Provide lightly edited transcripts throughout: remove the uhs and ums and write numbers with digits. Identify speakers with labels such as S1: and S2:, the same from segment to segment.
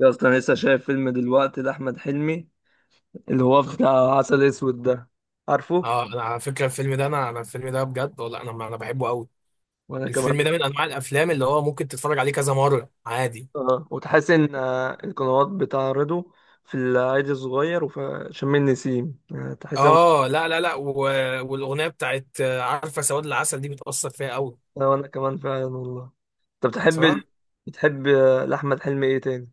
S1: يا اسطى انا لسه شايف فيلم دلوقتي لاحمد حلمي اللي هو بتاع عسل اسود ده، عارفه؟
S2: اه، انا على فكره، الفيلم ده بجد والله انا بحبه قوي.
S1: وانا كمان.
S2: الفيلم ده من انواع الافلام اللي هو ممكن تتفرج عليه كذا مره، عادي.
S1: اه، وتحس ان القنوات بتعرضه في العيد الصغير وفي شم النسيم، تحس إن-
S2: اه، لا لا لا، والاغنيه بتاعت عارفه، سواد العسل دي بتاثر فيا قوي.
S1: وانا كمان فعلا والله. انت بتحب
S2: صراحه.
S1: بتحب لاحمد حلمي ايه تاني؟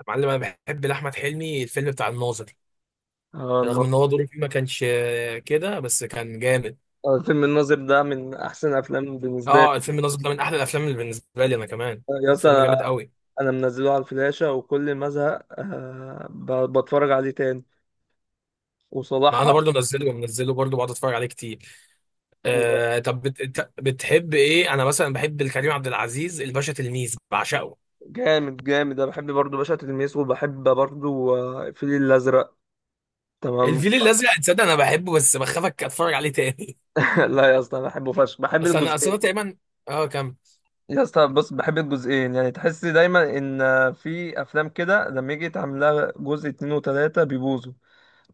S2: يا معلم، انا بحب لاحمد حلمي الفيلم بتاع الناظر،
S1: اه الن-
S2: رغم ان هو دوره فيه ما كانش كده، بس كان جامد.
S1: فيلم الناظر ده من احسن افلام بالنسبه لي.
S2: اه، الفيلم الناظر ده من احلى الافلام اللي بالنسبه لي انا كمان،
S1: يا اسطى
S2: فيلم جامد
S1: انا
S2: قوي.
S1: انا منزله على الفلاشه وكل ما ازهق بتفرج عليه تاني
S2: ما
S1: وصلاح.
S2: انا برضو منزله ومنزله، برضو بقعد اتفرج عليه كتير. آه، طب إنت بتحب ايه؟ انا مثلا بحب الكريم عبد العزيز، الباشا تلميذ بعشقه.
S1: جامد جامد، انا بحب برضو باشا تلميذ وبحب برضو الفيل الازرق. تمام.
S2: الفيل الازرق، تصدق انا بحبه بس بخاف اتفرج عليه تاني.
S1: لا يا اسطى انا بحبه فشخ، بحب
S2: بس انا اصلا
S1: الجزئين.
S2: تقريبا. اه، كم.
S1: يا اسطى بص، بحب الجزئين يعني. تحس دايما ان في افلام كده لما يجي يتعمل لها جزء اتنين وتلاته بيبوظوا،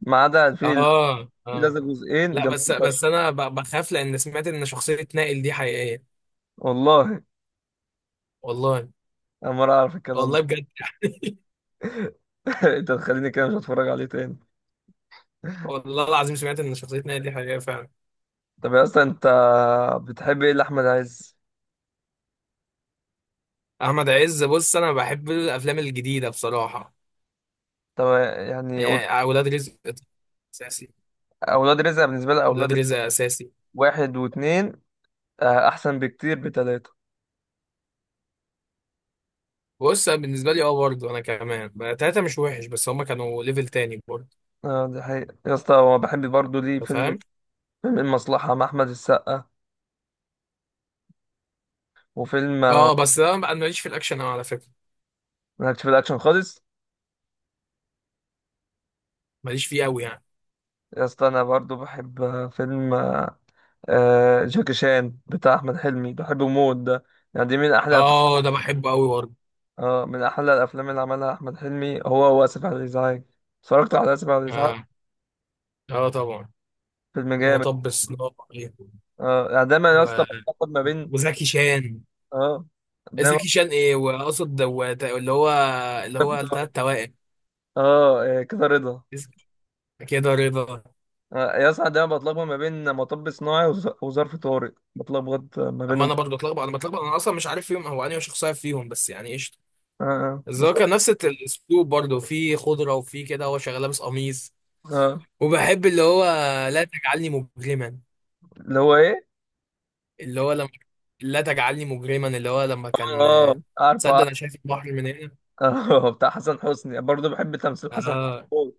S1: ما عدا الفيل
S2: اه
S1: الازرق،
S2: اه،
S1: جزئين
S2: لا، بس
S1: جامدين
S2: بس
S1: فشخ.
S2: انا بخاف لان سمعت ان شخصية نائل دي حقيقية.
S1: والله
S2: والله
S1: انا ما اعرف الكلام ده.
S2: والله بجد.
S1: انت تخليني كده مش هتفرج عليه تاني.
S2: والله العظيم، سمعت ان شخصية نائل دي حقيقية فعلا.
S1: طب يا اسطى انت بتحب ايه لاحمد عز؟
S2: احمد عز، بص انا بحب الافلام الجديدة بصراحة.
S1: طب يعني
S2: يعني ولاد رزق اساسي.
S1: اولاد رزق بالنسبه لي، اولاد
S2: ولاد
S1: رزق
S2: رزق اساسي.
S1: واحد واثنين، احسن بكتير بتلاتة.
S2: بص، أنا بالنسبه لي اه، برضه انا كمان بقى تلاته مش وحش، بس هما كانوا ليفل تاني برضه.
S1: اه دي حقيقة يا اسطى، هو بحب برضه ليه
S2: انت فاهم.
S1: فيلم، فيلم المصلحة مع احمد السقا وفيلم
S2: اه، بس ده بقى، انا ماليش في الاكشن أوي على فكره،
S1: مالكش في الاكشن خالص.
S2: ماليش فيه قوي يعني.
S1: يا اسطى انا برضه بحب آه، فيلم آه، آه، جاكي شان بتاع احمد حلمي، بحبه موت ده. يعني دي من احلى أفلام.
S2: اه، ده بحبه قوي برضه.
S1: اه، من احلى الافلام اللي عملها احمد حلمي هو واسف على الازعاج. اتفرجت على اسف على الازعاج.
S2: اه اه طبعا.
S1: فيلم جامد.
S2: ومطب صناعي
S1: اه يعني دايما يا اسطى
S2: و...
S1: بتاخد ما بين.
S2: وزكي شان.
S1: اه دايما
S2: زكي شان ايه واقصد دوت؟ اللي هو اللي هو
S1: بتاخد-
S2: التلات توائم.
S1: اه كده رضا.
S2: اس- كده رضا.
S1: يا اسطى ده بتلخبط ما بين مطب صناعي وظرف طارئ، بتلخبط ما
S2: ما
S1: بينهم.
S2: انا برضه اتلخبط، انا بتلخبط، انا اصلا مش عارف فيهم هو انهي شخصيه فيهم، بس يعني قشطه.
S1: اه
S2: بس هو كان
S1: بالظبط.
S2: نفس الاسلوب برضه في خضره، وفي كده هو شغال لابس قميص.
S1: اه،
S2: وبحب اللي هو لا تجعلني مجرما،
S1: اللي هو ايه؟
S2: اللي هو لما لا تجعلني مجرما اللي هو لما كان
S1: اه عارف،
S2: تصدق
S1: عارف.
S2: انا شايف البحر من هنا.
S1: بتاع حسن حسني، برضه بحب تمثيل حسن
S2: اه،
S1: حسني.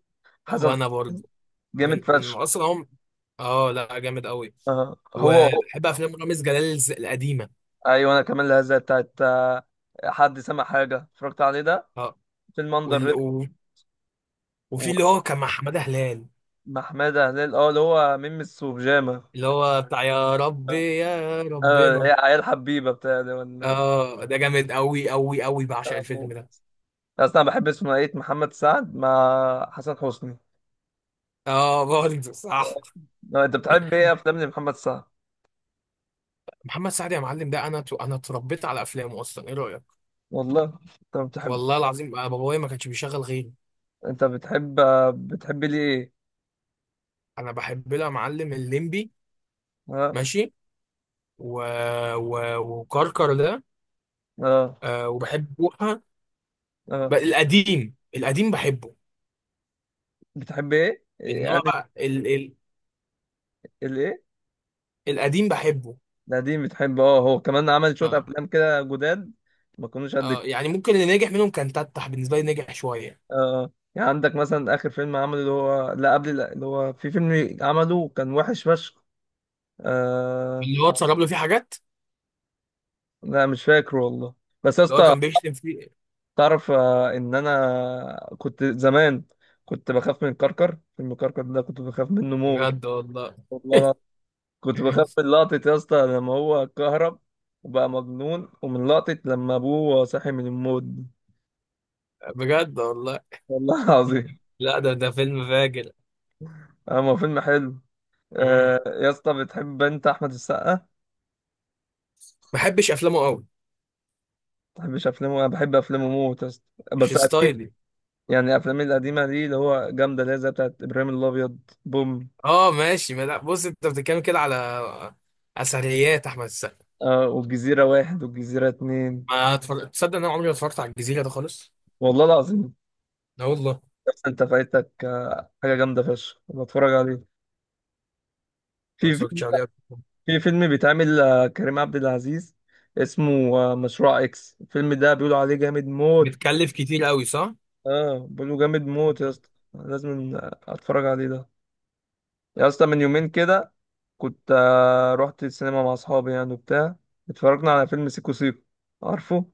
S2: هو
S1: حسن
S2: انا برضه
S1: حسني جامد
S2: من
S1: فشخ.
S2: اصلا هم. اه، لا، جامد قوي.
S1: اه هو.
S2: وبحب افلام رامز جلال القديمه.
S1: ايوه انا كمان، الهزه بتاعت حد سمع حاجه اتفرجت عليه ده،
S2: اه،
S1: فيلم اندر
S2: وال...
S1: ريد.
S2: و... وفي اللي هو كان مع حماده هلال،
S1: ومحمد هلال، اه اللي هو ميمس وبيجامه.
S2: اللي هو بتاع يا رب يا
S1: اه، هي
S2: ربنا.
S1: عيال حبيبه بتاع ده،
S2: اه، ده جامد قوي قوي قوي، بعشق
S1: ولا
S2: الفيلم ده.
S1: اصلا بحب ثنائيه محمد سعد مع حسن حسني.
S2: اه، برضه صح.
S1: لا، انت بتحب ايه افلام محمد سعد؟
S2: محمد سعد يا معلم، ده انا انا اتربيت على افلامه اصلا، ايه رايك؟
S1: والله انت بتحب،
S2: والله العظيم أنا بابايا ما كانش بيشغل غيره.
S1: انت بتحب، بتحب ليه ايه؟
S2: انا بحب لها معلم الليمبي،
S1: اه
S2: ماشي، و... وكركر ده.
S1: اه
S2: آه، وبحب بوحة.
S1: اه
S2: القديم القديم بحبه.
S1: بتحب ايه إيه،
S2: انما
S1: انا
S2: بقى
S1: الايه
S2: القديم بحبه.
S1: القديم بتحب. اه هو كمان عمل شويه
S2: آه.
S1: افلام كده جداد، ما كانوش قد كده.
S2: يعني ممكن اللي نجح منهم كان تتح بالنسبه لي، نجح شويه.
S1: اه يعني عندك مثلا اخر فيلم عمله اللي هو لا قبل لا، اللي هو في فيلم عمله كان وحش فشخ. آه،
S2: اللي هو اتسرب له فيه حاجات،
S1: لا مش فاكره والله. بس يا
S2: اللي هو
S1: اسطى
S2: كان بيشتم فيه.
S1: تعرف ان انا كنت زمان، كنت بخاف من الكركر. فيلم الكركر ده كنت بخاف منه موت.
S2: بجد والله.
S1: والله أنا كنت بخاف من لقطة يا اسطى لما هو اتكهرب وبقى مجنون، ومن لقطة لما ابوه صحي من الموت دي.
S2: بجد والله.
S1: والله العظيم.
S2: لا، ده فيلم فاجر.
S1: هو فيلم حلو.
S2: ما
S1: يا اسطى بتحب انت احمد السقا ما
S2: بحبش افلامه قوي،
S1: بتحبش افلامه؟ انا بحب افلامه موت يا اسطى،
S2: مش
S1: بس قديم.
S2: ستايلي.
S1: يعني افلامه القديمة دي اللي هو جامدة، اللي هي زي بتاعت ابراهيم الابيض، بوم
S2: اه، ماشي. ما لا، بص انت بتتكلم كده على اثريات احمد السقا.
S1: والجزيرة واحد والجزيرة اتنين.
S2: ما اتفرج... تصدق ان انا عمري ما اتفرجت على الجزيره ده خالص.
S1: والله العظيم.
S2: لا والله.
S1: بس انت فايتك حاجه جامده فشخ، بتفرج عليه
S2: ما
S1: في فيلم.
S2: اتفرجتش عليه قبل كده.
S1: في فيلم بيتعمل كريم عبد العزيز، اسمه مشروع اكس. الفيلم ده بيقولوا عليه جامد موت.
S2: بتكلف كتير قوي، صح.
S1: اه بيقولوا جامد موت يا اسطى، لازم اتفرج عليه ده. يا اسطى من يومين كده كنت رحت السينما مع اصحابي يعني وبتاع، اتفرجنا على فيلم سيكو سيكو. عارفه؟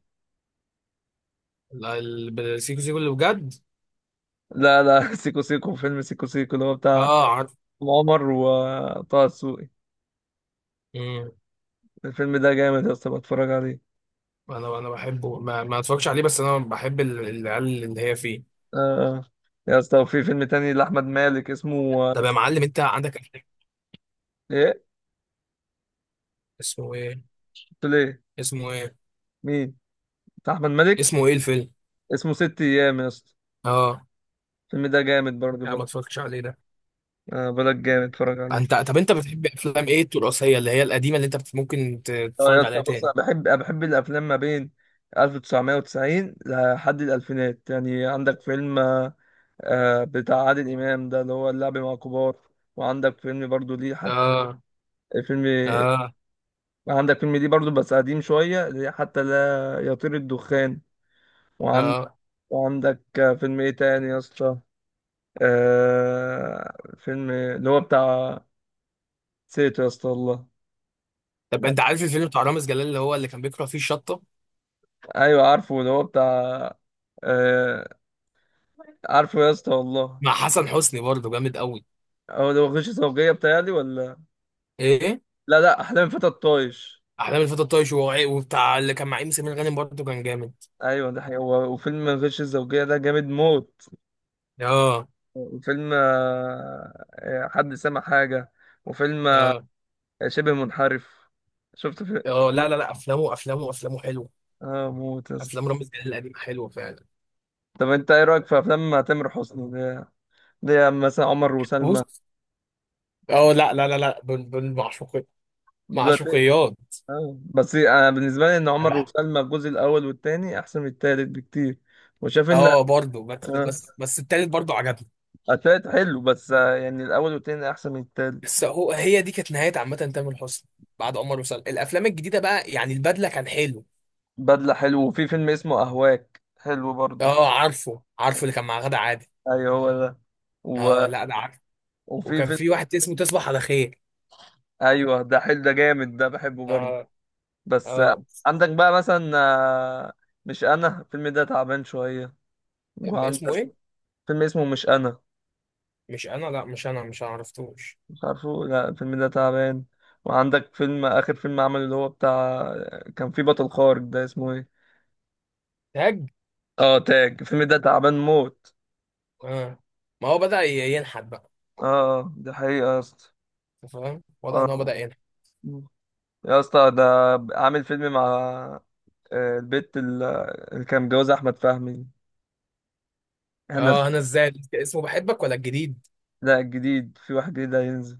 S2: لا، السيكو سيكو اللي بجد؟
S1: لا لا سيكو سيكو، فيلم سيكو سيكو اللي هو بتاع
S2: اه، عارف.
S1: عمر وطه دسوقي.
S2: مم.
S1: الفيلم ده جامد يا اسطى، بتفرج عليه.
S2: انا بحبه، ما اتفرجش عليه، بس انا بحب العيال اللي هي فيه.
S1: آه يا اسطى في فيلم تاني لأحمد مالك اسمه
S2: طب يا معلم، انت عندك أفلام؟
S1: ايه؟
S2: اسمه ايه؟
S1: قلت له ايه؟
S2: اسمه ايه؟
S1: مين؟ بتاع أحمد مالك،
S2: اسمه ايه الفيلم؟
S1: اسمه ست أيام يا اسطى.
S2: اه،
S1: الفيلم ده جامد برضه
S2: لا، ما
S1: برضه.
S2: اتفرجتش عليه ده.
S1: آه بلاك جامد، اتفرج عليه.
S2: انت طب، انت بتحب افلام ايه؟ التراثيه اللي هي القديمه، اللي انت ممكن
S1: اه يا
S2: تتفرج
S1: اسطى
S2: عليها
S1: بص،
S2: تاني.
S1: أنا بحب الأفلام ما بين 1990 لحد الألفينات. يعني عندك فيلم بتاع عادل إمام ده اللي هو اللعب مع الكبار، وعندك فيلم برضه ليه حتى،
S2: اه
S1: فيلم،
S2: اه
S1: عندك فيلم ليه برضه بس قديم شوية اللي هي حتى لا يطير الدخان،
S2: اه.
S1: وعندك فيلم ايه تاني يا اسطى؟ آه فيلم اللي هو بتاع، نسيته يا اسطى والله.
S2: طب انت عارف الفيلم بتاع رامز جلال، اللي هو اللي كان بيكره فيه الشطه،
S1: ايوه عارفه اللي هو بتاع، آه، عارفه يا اسطى والله.
S2: مع حسن حسني برضه جامد قوي.
S1: هو اللي هو غش زوجية بتاعي ولا؟
S2: ايه؟
S1: لا لا، احلام فتى الطايش.
S2: احلام الفتى الطايش، وبتاع اللي كان مع ام سمير غانم برضه كان جامد.
S1: ايوه ده حقيقي، هو وفيلم غش الزوجية ده جامد موت،
S2: اه
S1: وفيلم حد سمع حاجة، وفيلم
S2: اه
S1: شبه منحرف. شفت في؟
S2: اه، لا لا لا، افلامه افلامه افلامه حلوه.
S1: اه موت يا اسطى.
S2: افلام رامز جلال القديمه حلوه فعلا.
S1: طب انت ايه رايك في افلام تامر حسني ده، ده مثلا عمر وسلمى
S2: بص، اه، لا لا لا لا، بن بن معشوقي
S1: دلوقتي؟
S2: معشوقيات.
S1: اه بس انا بالنسبه لي ان
S2: أنا
S1: عمر
S2: بحب-.
S1: وسلمى الجزء الاول والثاني احسن من الثالث بكتير، وشاف ان
S2: اه، برضه، بس
S1: آه،
S2: بس بس التالت برضه عجبني.
S1: الثالث حلو بس يعني الاول والثاني احسن من الثالث.
S2: بس هي دي كانت نهايه، عامه تامر حسني. بعد عمر وسلمى الافلام الجديده بقى، يعني البدله كان حلو.
S1: بدله حلو، وفي فيلم اسمه اهواك حلو برضو.
S2: اه، عارفه عارفه اللي كان مع غادة عادل.
S1: ايوه هو ده. و...
S2: اه، لا ده عارفه.
S1: وفي
S2: وكان
S1: فيلم
S2: في واحد اسمه تصبح على خير.
S1: ايوه ده حلو، ده جامد، ده بحبه برضو.
S2: اه
S1: بس
S2: اه.
S1: عندك بقى مثلا مش انا، الفيلم ده تعبان شويه. وعندك
S2: اسمه ايه؟
S1: فيلم اسمه مش انا.
S2: مش انا، لا مش انا، مش أنا عرفتوش.
S1: مش عارفه، لا الفيلم ده تعبان. وعندك فيلم، آخر فيلم عمل اللي هو بتاع، كان فيه بطل خارق، ده اسمه ايه؟
S2: تاج.
S1: اه تاج، الفيلم ده تعبان موت.
S2: اه، ما هو بدأ ينحت بقى.
S1: اه دي حقيقة يا اسطى.
S2: أنت فاهم، واضح ان هو بدأ
S1: اه
S2: ينحت.
S1: يا اسطى ده عامل فيلم مع البت اللي كان متجوزها أحمد فهمي هنا.
S2: اه، انا ازاي اسمه بحبك ولا الجديد؟
S1: لا الجديد، في واحد جديد هينزل.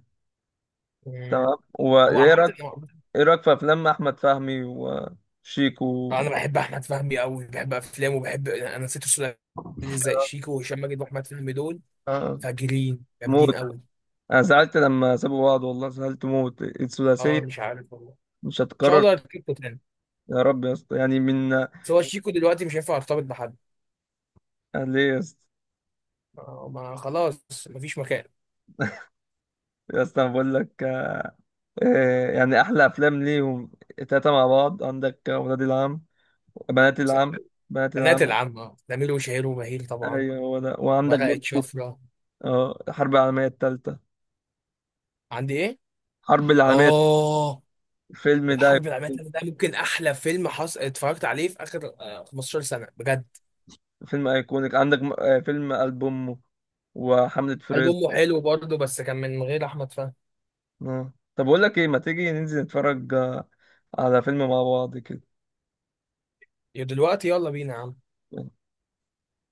S2: مم.
S1: تمام.
S2: هو
S1: وايه
S2: عامة.
S1: رأيك؟ ايه رأيك في أفلام أحمد فهمي وشيكو؟
S2: انا بحب احمد فهمي قوي، بحب افلامه وبحب انا نسيت الثلاثي. ازاي
S1: آه،
S2: شيكو وهشام ماجد واحمد فهمي دول
S1: آه،
S2: فاجرين
S1: موت.
S2: جامدين قوي.
S1: انا زعلت لما سابوا بعض والله، زعلت موت،
S2: اه،
S1: الثلاثيه
S2: مش عارف والله، ان
S1: مش
S2: شاء
S1: هتكرر.
S2: الله يركبوا تاني.
S1: يا رب يا اسطى يعني من.
S2: بس هو شيكو دلوقتي مش هينفع يرتبط بحد.
S1: أنا ليه يا اسطى؟
S2: ما خلاص مفيش مكان.
S1: يا اسطى أنا بقول لك يعني احلى افلام ليهم التلاته مع بعض عندك ولاد العم، بنات
S2: بس
S1: العم، بنات
S2: البنات
S1: العم.
S2: العامة نميل وشهير وبهير طبعا،
S1: ايوه هو ده، وعندك
S2: ورقة
S1: برضه
S2: شفرة.
S1: اه الحرب العالميه الثالثه،
S2: عندي ايه؟
S1: حرب العالميه،
S2: اه،
S1: الفيلم ده
S2: الحرب العالمية التالتة ده ممكن أحلى فيلم اتفرجت عليه في آخر 15 سنة بجد.
S1: فيلم ايكونيك. عندك فيلم قلب امه وحمله
S2: قلب
S1: فريز.
S2: أمه حلو برضه، بس كان من غير أحمد فهمي.
S1: اه طب اقول لك ايه، ما تيجي ننزل نتفرج على فيلم مع بعض كده.
S2: يا دلوقتي يلا بينا يا عم.